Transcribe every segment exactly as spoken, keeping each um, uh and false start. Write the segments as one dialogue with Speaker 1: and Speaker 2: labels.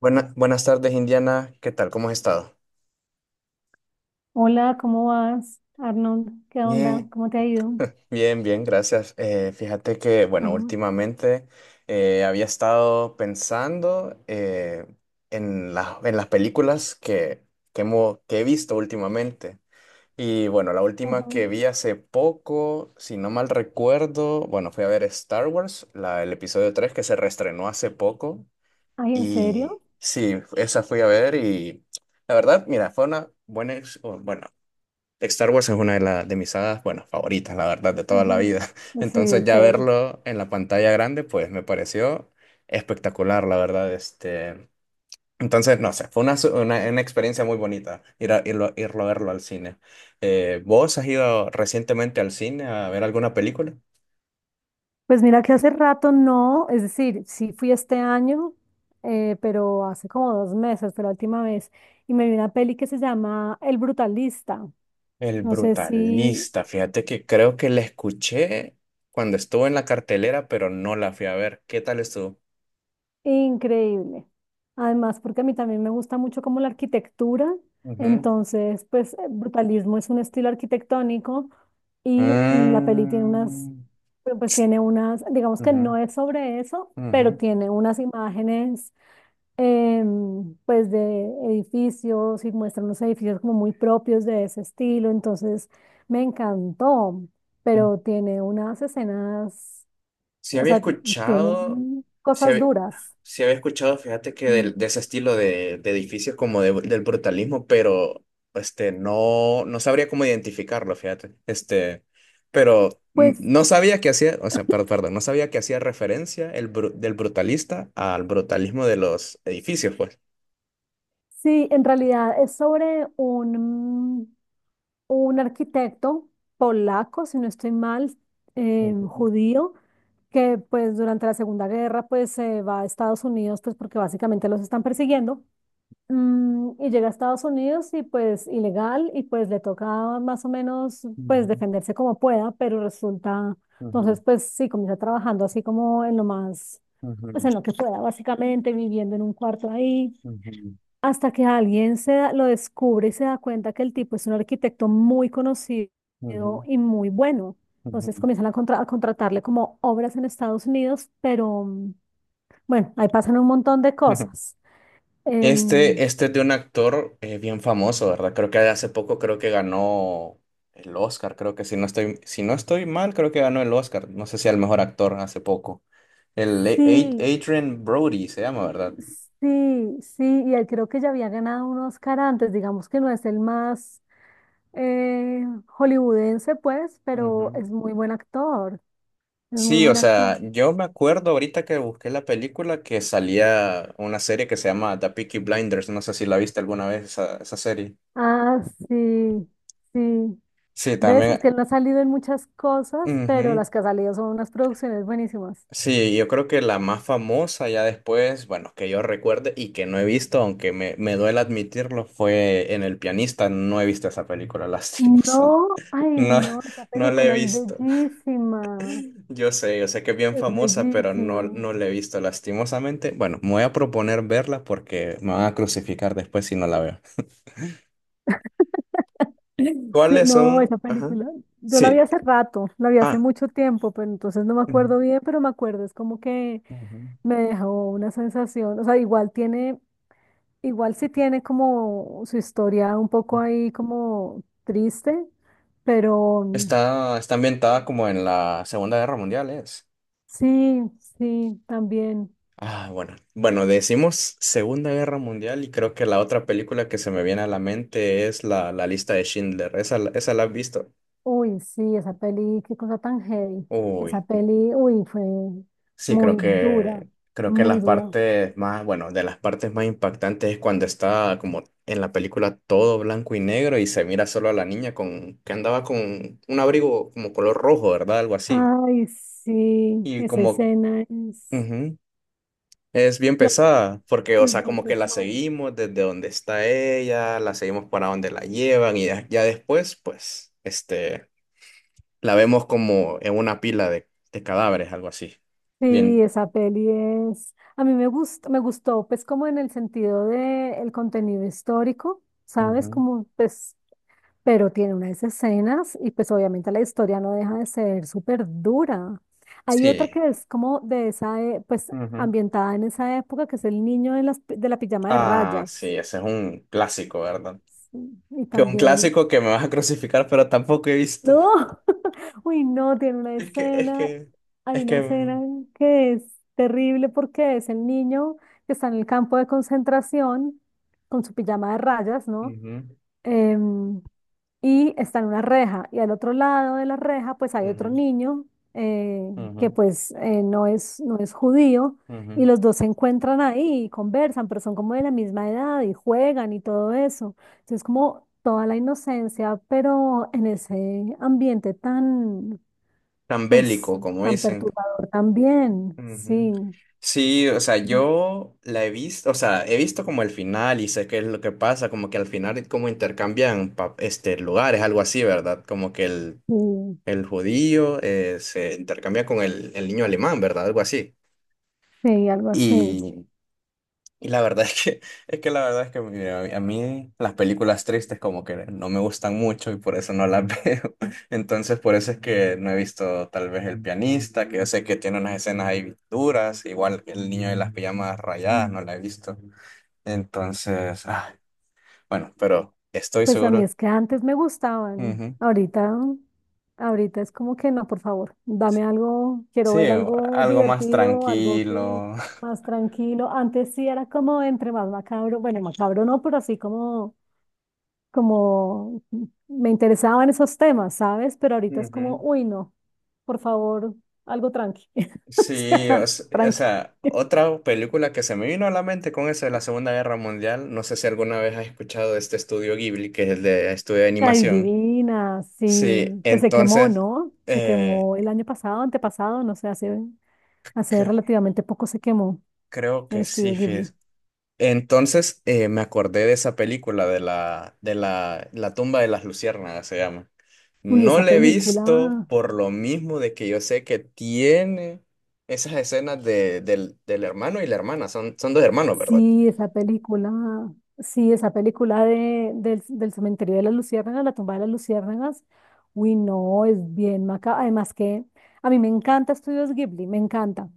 Speaker 1: Buena- buenas tardes, Indiana. ¿Qué tal? ¿Cómo has estado?
Speaker 2: Hola, ¿cómo vas, Arnold? ¿Qué onda?
Speaker 1: Bien.
Speaker 2: ¿Cómo te ha ido?
Speaker 1: Bien, bien, gracias. Eh, fíjate que, bueno,
Speaker 2: Ajá,
Speaker 1: últimamente eh, había estado pensando eh, en la- en las películas que, que, hemo- que he visto últimamente. Y bueno, la
Speaker 2: ajá.
Speaker 1: última que vi hace poco, si no mal recuerdo, bueno, fui a ver Star Wars, la, el episodio tres que se reestrenó hace poco.
Speaker 2: Ay, ¿en
Speaker 1: Y
Speaker 2: serio?
Speaker 1: sí, esa fui a ver y la verdad, mira, fue una buena, ex- o, bueno, Star Wars es una de, la- de mis sagas, bueno, favoritas, la verdad, de toda la
Speaker 2: Ajá.
Speaker 1: vida.
Speaker 2: Pues sí,
Speaker 1: Entonces ya
Speaker 2: chévere.
Speaker 1: verlo en la pantalla grande, pues me pareció espectacular, la verdad. Este, entonces, no sé, fue una, su- una, una experiencia muy bonita ir a, irlo, irlo a verlo al cine. Eh, ¿vos has ido recientemente al cine a ver alguna película?
Speaker 2: Pues mira que hace rato no, es decir, sí fui este año, eh, pero hace como dos meses fue la última vez, y me vi una peli que se llama El Brutalista.
Speaker 1: El
Speaker 2: No sé si
Speaker 1: Brutalista, fíjate que creo que la escuché cuando estuvo en la cartelera, pero no la fui a ver. ¿Qué tal estuvo?
Speaker 2: Increíble. Además, porque a mí también me gusta mucho como la arquitectura,
Speaker 1: Ujú.
Speaker 2: entonces, pues, eh, brutalismo es un estilo arquitectónico y mm, la peli tiene unas,
Speaker 1: Mm.
Speaker 2: pues tiene unas, digamos que no
Speaker 1: Ujú.
Speaker 2: es sobre eso, pero
Speaker 1: Ujú.
Speaker 2: tiene unas imágenes, em, pues, de edificios y muestra unos edificios como muy propios de ese estilo, entonces, me encantó, pero tiene unas escenas,
Speaker 1: Si
Speaker 2: o
Speaker 1: había
Speaker 2: sea, tiene
Speaker 1: escuchado, si
Speaker 2: cosas
Speaker 1: había,
Speaker 2: duras.
Speaker 1: Sí había escuchado, fíjate que del- de, ese estilo de, de edificios como de- del brutalismo, pero este, no, no sabría cómo identificarlo, fíjate. Este, pero mm,
Speaker 2: Pues
Speaker 1: no sabía que hacía, o sea, per- perdón, no sabía que hacía referencia el bru- del brutalista al brutalismo de los edificios, pues.
Speaker 2: sí, en realidad es sobre un, un arquitecto polaco, si no estoy mal, eh,
Speaker 1: Ujú,
Speaker 2: judío, que pues durante la Segunda Guerra pues se va a Estados Unidos pues porque básicamente los están persiguiendo. Mm, y llega a Estados Unidos y pues ilegal y pues le toca más o menos pues
Speaker 1: ujú,
Speaker 2: defenderse como pueda, pero resulta,
Speaker 1: ujú,
Speaker 2: entonces pues sí, comienza trabajando así como en lo más, pues
Speaker 1: ujú,
Speaker 2: en lo que pueda, básicamente viviendo en un cuarto ahí
Speaker 1: ujú,
Speaker 2: hasta que alguien se da- lo descubre y se da cuenta que el tipo es un arquitecto muy conocido
Speaker 1: ujú,
Speaker 2: y muy bueno. Entonces
Speaker 1: ujú.
Speaker 2: comienzan a, contra- a contratarle como obras en Estados Unidos, pero mm, bueno, ahí pasan un montón de
Speaker 1: Ujú.
Speaker 2: cosas. Em,
Speaker 1: Este, este es de un actor eh, bien famoso, ¿verdad? Creo que hace poco creo que ganó el Oscar, creo que si no estoy, si no estoy mal, creo que ganó el Oscar. No sé si al mejor actor hace poco. El A- A-
Speaker 2: sí,
Speaker 1: Adrien Brody se llama, ¿verdad?
Speaker 2: sí, sí, y él creo que ya había ganado un Oscar antes, digamos que no es el más eh, hollywoodense, pues,
Speaker 1: Ujú.
Speaker 2: pero es muy buen actor, es muy
Speaker 1: Sí, o
Speaker 2: buen actor.
Speaker 1: sea, yo me acuerdo ahorita que busqué la película que salía una serie que se llama The Peaky Blinders. No sé si la viste alguna vez esa, esa serie.
Speaker 2: Ah, sí, sí.
Speaker 1: Sí,
Speaker 2: ¿Ves? Es
Speaker 1: también.
Speaker 2: que él no ha salido en muchas cosas, pero
Speaker 1: Ujú.
Speaker 2: las que ha salido son unas producciones buenísimas.
Speaker 1: Sí, yo creo que la más famosa ya después, bueno, que yo recuerde y que no he visto, aunque me, me duele admitirlo, fue en El Pianista. No he visto esa película, lastimosa.
Speaker 2: No, ay
Speaker 1: No,
Speaker 2: no, esa
Speaker 1: no la he
Speaker 2: película es
Speaker 1: visto.
Speaker 2: bellísima,
Speaker 1: Yo sé, yo sé que es bien
Speaker 2: es
Speaker 1: famosa, pero no,
Speaker 2: bellísima.
Speaker 1: no la he visto lastimosamente. Bueno, me voy a proponer verla porque me van a crucificar después si no la veo.
Speaker 2: Sí,
Speaker 1: ¿Cuáles
Speaker 2: no,
Speaker 1: son?
Speaker 2: esa
Speaker 1: Ajá.
Speaker 2: película, yo la vi
Speaker 1: Sí.
Speaker 2: hace rato, la vi hace
Speaker 1: Ah.
Speaker 2: mucho tiempo, pero entonces no me
Speaker 1: Ujú,
Speaker 2: acuerdo bien, pero me acuerdo, es como que
Speaker 1: ujú.
Speaker 2: me dejó una sensación, o sea, igual tiene, igual sí tiene como su historia un poco ahí como triste, pero,
Speaker 1: Está, está ambientada como en la Segunda Guerra Mundial, ¿es?
Speaker 2: sí, sí, también.
Speaker 1: Ah, bueno. Bueno, decimos Segunda Guerra Mundial y creo que la otra película que se me viene a la mente es la, la lista de Schindler. ¿Esa, la- esa la has visto?
Speaker 2: Uy, sí, esa peli, qué cosa tan heavy.
Speaker 1: Uy,
Speaker 2: Esa peli, uy, fue
Speaker 1: sí, creo
Speaker 2: muy dura,
Speaker 1: que creo que
Speaker 2: muy
Speaker 1: las
Speaker 2: dura.
Speaker 1: partes más, bueno, de las partes más impactantes es cuando está como en la película todo blanco y negro y se mira solo a la niña con que andaba con un abrigo como color rojo, ¿verdad? Algo así.
Speaker 2: Ay, sí,
Speaker 1: Y
Speaker 2: esa
Speaker 1: como,
Speaker 2: escena es,
Speaker 1: ujú. Es bien pesada, porque, o
Speaker 2: es
Speaker 1: sea,
Speaker 2: bien
Speaker 1: como que la
Speaker 2: pesada.
Speaker 1: seguimos desde donde está ella, la seguimos para donde la llevan y ya, ya después, pues, este, la vemos como en una pila de, de cadáveres, algo así.
Speaker 2: Sí,
Speaker 1: Bien.
Speaker 2: esa peli es, a mí me gustó, me gustó, pues como en el sentido de el contenido histórico, ¿sabes?
Speaker 1: Ujú,
Speaker 2: Como pues pero tiene unas escenas y pues obviamente la historia no deja de ser súper dura. Hay otra
Speaker 1: sí.
Speaker 2: que es como de esa, e- pues
Speaker 1: Ujú.
Speaker 2: ambientada en esa época, que es el niño de, las, pi- de la pijama de
Speaker 1: Ah, sí,
Speaker 2: rayas.
Speaker 1: ese es un clásico, ¿verdad?
Speaker 2: Sí, Y
Speaker 1: Que un
Speaker 2: también,
Speaker 1: clásico que me vas a crucificar, pero tampoco he visto.
Speaker 2: no, uy, no, tiene una
Speaker 1: Es que, es
Speaker 2: escena,
Speaker 1: que,
Speaker 2: hay
Speaker 1: es
Speaker 2: una
Speaker 1: que...
Speaker 2: escena
Speaker 1: mm,
Speaker 2: que es terrible porque es el niño que está en el campo de concentración con su pijama de rayas, ¿no?
Speaker 1: Ujú,
Speaker 2: Em, y está en una reja. Y al otro lado de la reja, pues hay otro
Speaker 1: ujú,
Speaker 2: niño eh, que
Speaker 1: ujú,
Speaker 2: pues eh, no es, no es judío. Y
Speaker 1: ujú.
Speaker 2: los dos se encuentran ahí y conversan, pero son como de la misma edad y juegan y todo eso. Entonces, como toda la inocencia, pero en ese ambiente tan,
Speaker 1: Tan
Speaker 2: pues,
Speaker 1: bélico, como
Speaker 2: tan
Speaker 1: dicen.
Speaker 2: perturbador también.
Speaker 1: Ujú.
Speaker 2: Sí,
Speaker 1: Sí, o sea, yo la he visto, o sea, he visto como el final y sé qué es lo que pasa, como que al final como intercambian pa- este, lugares, algo así, ¿verdad? Como que el,
Speaker 2: sí,
Speaker 1: el judío eh, se intercambia con el, el niño alemán, ¿verdad? Algo así.
Speaker 2: sí, algo así.
Speaker 1: Y la verdad es que, es que la verdad es que mira, a mí las películas tristes como que no me gustan mucho y por eso no las veo. Entonces por eso es que no he visto tal vez El Pianista, que yo sé que tiene unas escenas ahí duras, igual que El Niño de las Pijamas Rayadas, no la he visto. Entonces, ah, bueno, pero estoy
Speaker 2: Pues a mí
Speaker 1: seguro.
Speaker 2: es que antes me gustaban,
Speaker 1: Ujú.
Speaker 2: ahorita, ahorita es como que no, por favor, dame algo, quiero
Speaker 1: Sí,
Speaker 2: ver algo
Speaker 1: algo más
Speaker 2: divertido, algo que
Speaker 1: tranquilo.
Speaker 2: más tranquilo. Antes sí era como entre más macabro, bueno, macabro no, pero así como, como me interesaban esos temas, ¿sabes? Pero ahorita es como,
Speaker 1: Ujú.
Speaker 2: uy, no, por favor, algo tranqui. O
Speaker 1: Sí, o,
Speaker 2: sea,
Speaker 1: s- o
Speaker 2: tranqui.
Speaker 1: sea, otra película que se me vino a la mente con eso de la Segunda Guerra Mundial, no sé si alguna vez has escuchado de este estudio Ghibli, que es el de estudio de
Speaker 2: Ay,
Speaker 1: animación.
Speaker 2: divina,
Speaker 1: Sí,
Speaker 2: sí, que se quemó,
Speaker 1: entonces,
Speaker 2: ¿no? Se
Speaker 1: eh,
Speaker 2: quemó el año pasado, antepasado, no sé, hace Hace
Speaker 1: cre-
Speaker 2: relativamente poco se quemó
Speaker 1: creo
Speaker 2: el
Speaker 1: que sí,
Speaker 2: estudio
Speaker 1: fíjate.
Speaker 2: Ghibli.
Speaker 1: Entonces, eh, me acordé de esa película de la, de la, La tumba de las luciérnagas, se llama.
Speaker 2: Uy,
Speaker 1: No
Speaker 2: esa
Speaker 1: la he visto
Speaker 2: película,
Speaker 1: por lo mismo de que yo sé que tiene esas escenas de, del, del hermano y la hermana, son, son dos hermanos, ¿verdad?
Speaker 2: sí, esa película, sí, esa película de, del, del cementerio de las luciérnagas, la tumba de las luciérnagas. Uy, no, es bien maca. Además que a mí me encanta Estudios Ghibli, me encanta.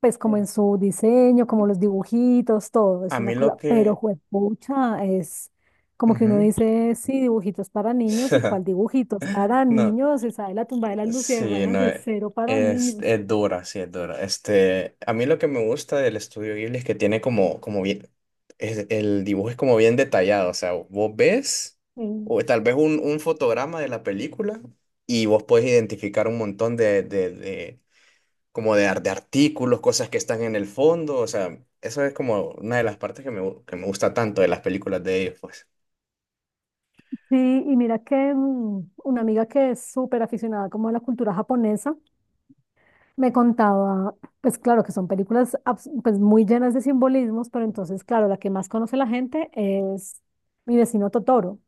Speaker 2: Pues como en su diseño, como los dibujitos, todo, es
Speaker 1: A mí
Speaker 2: una
Speaker 1: lo
Speaker 2: cosa, pero
Speaker 1: que...
Speaker 2: juepucha, es como que uno
Speaker 1: Ujú.
Speaker 2: dice, sí, dibujitos para niños, ¿y cuál dibujitos para
Speaker 1: No,
Speaker 2: niños? Esa de la tumba de las
Speaker 1: sí,
Speaker 2: luciérnagas
Speaker 1: no,
Speaker 2: es
Speaker 1: e-
Speaker 2: cero para
Speaker 1: es,
Speaker 2: niños.
Speaker 1: es dura, sí, es dura. Este, a mí lo que me gusta del estudio Ghibli es que tiene como, como bien, es- el dibujo es como bien detallado, o sea, vos ves,
Speaker 2: Mm.
Speaker 1: o tal vez un, un fotograma de la película y vos podés identificar un montón de, de, de, como de, ar- de artículos, cosas que están en el fondo, o sea, eso es como una de las partes que me, gu- que me gusta tanto de las películas de ellos, pues.
Speaker 2: Sí, y mira que mm, una amiga que es súper aficionada como a la cultura japonesa, me contaba, pues claro que son películas abs- pues muy llenas de simbolismos, pero entonces, claro, la que más conoce la gente es Mi vecino Totoro.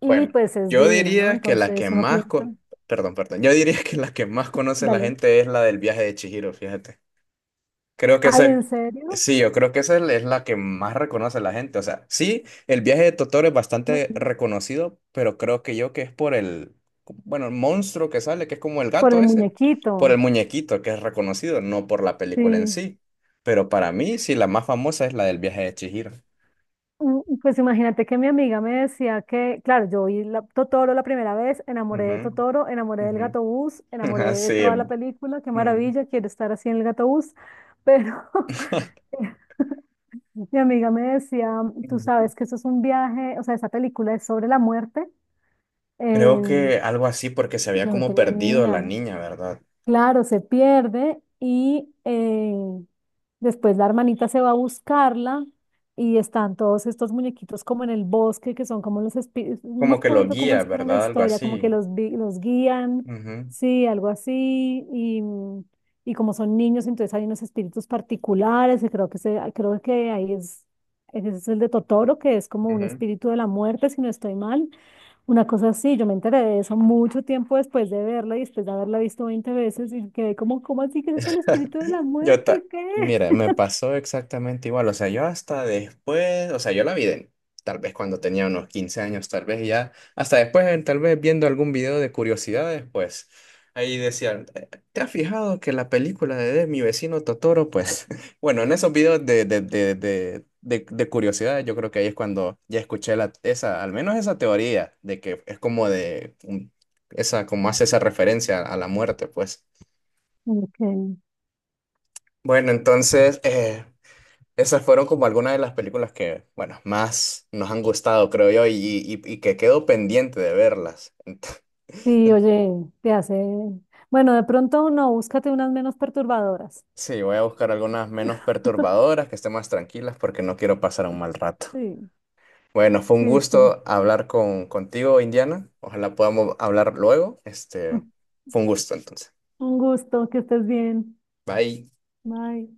Speaker 2: Y
Speaker 1: Bueno,
Speaker 2: pues es
Speaker 1: yo
Speaker 2: divina, ¿no?
Speaker 1: diría que la que
Speaker 2: Entonces uno
Speaker 1: más
Speaker 2: piensa,
Speaker 1: con... Perdón, perdón. Yo diría que la que más conoce la
Speaker 2: dale,
Speaker 1: gente es la del viaje de Chihiro, fíjate. Creo que
Speaker 2: ay, ¿en
Speaker 1: esa...
Speaker 2: serio?
Speaker 1: Sí, yo creo que esa es la que más reconoce la gente. O sea, sí, el viaje de Totoro es bastante
Speaker 2: Bueno,
Speaker 1: reconocido, pero creo que yo que es por el... Bueno, el monstruo que sale, que es como el
Speaker 2: por
Speaker 1: gato
Speaker 2: el
Speaker 1: ese, por
Speaker 2: muñequito,
Speaker 1: el muñequito que es reconocido, no por la película en
Speaker 2: sí.
Speaker 1: sí. Pero para mí, sí, la más famosa es la del viaje de Chihiro.
Speaker 2: Mm, Pues imagínate que mi amiga me decía que, claro, yo vi la- Totoro la primera vez, enamoré de
Speaker 1: Ujú,
Speaker 2: Totoro, enamoré del
Speaker 1: ujú.
Speaker 2: gato bus, enamoré
Speaker 1: Así
Speaker 2: de
Speaker 1: es.
Speaker 2: toda la película, qué maravilla, quiero estar así en el gato bus, pero mi amiga me decía, tú
Speaker 1: Mm.
Speaker 2: sabes que eso es un viaje, o sea, esa película es sobre la muerte,
Speaker 1: Creo
Speaker 2: eh,
Speaker 1: que algo así porque se había
Speaker 2: yo no
Speaker 1: como
Speaker 2: tenía ni
Speaker 1: perdido la
Speaker 2: idea.
Speaker 1: niña, ¿verdad?
Speaker 2: Claro, se pierde y eh, después la hermanita se va a buscarla y están todos estos muñequitos como en el bosque que son como los espíritus, no me
Speaker 1: Como que lo
Speaker 2: acuerdo cómo
Speaker 1: guía,
Speaker 2: es que era la
Speaker 1: ¿verdad? Algo
Speaker 2: historia, como que
Speaker 1: así.
Speaker 2: los, vi- los guían,
Speaker 1: Ujú,
Speaker 2: sí, algo así, y, mm, y como son niños, entonces hay unos espíritus particulares, y creo que, se, creo que ahí es, ese es el de Totoro, que es como un
Speaker 1: ujú.
Speaker 2: espíritu de la muerte, si no estoy mal una cosa así, yo me enteré de eso mucho tiempo después de verla y después de haberla visto veinte veces y quedé como, ¿cómo así que ese es el espíritu de la
Speaker 1: Yo ta-
Speaker 2: muerte? ¿Qué?
Speaker 1: Mira, me pasó exactamente igual. O sea, yo hasta después, o sea, yo la vi de- tal vez cuando tenía unos quince años, tal vez ya, hasta después, eh, tal vez viendo algún video de curiosidades, pues ahí decían, "Eh, ¿te has fijado que la película de de Mi vecino Totoro? Pues bueno, en esos videos de, de, de, de, de, de curiosidades, yo creo que ahí es cuando ya escuché la, esa, al menos esa teoría de que es como de, un- esa, como hace esa referencia a la muerte, pues.
Speaker 2: Ok.
Speaker 1: Bueno, entonces... eh, Esas fueron como algunas de las películas que, bueno, más nos han gustado, creo yo, y, y- y que quedo pendiente de verlas.
Speaker 2: Sí, oye, te hace... Bueno, de pronto no, búscate unas menos perturbadoras.
Speaker 1: Sí, voy a buscar algunas menos perturbadoras, que estén más tranquilas, porque no quiero pasar un mal rato.
Speaker 2: Sí,
Speaker 1: Bueno, fue un
Speaker 2: sí, sí.
Speaker 1: gusto hablar con, contigo, Indiana. Ojalá podamos hablar luego. Este, fue un gusto, entonces.
Speaker 2: Un gusto, que estés bien.
Speaker 1: Bye.
Speaker 2: Bye.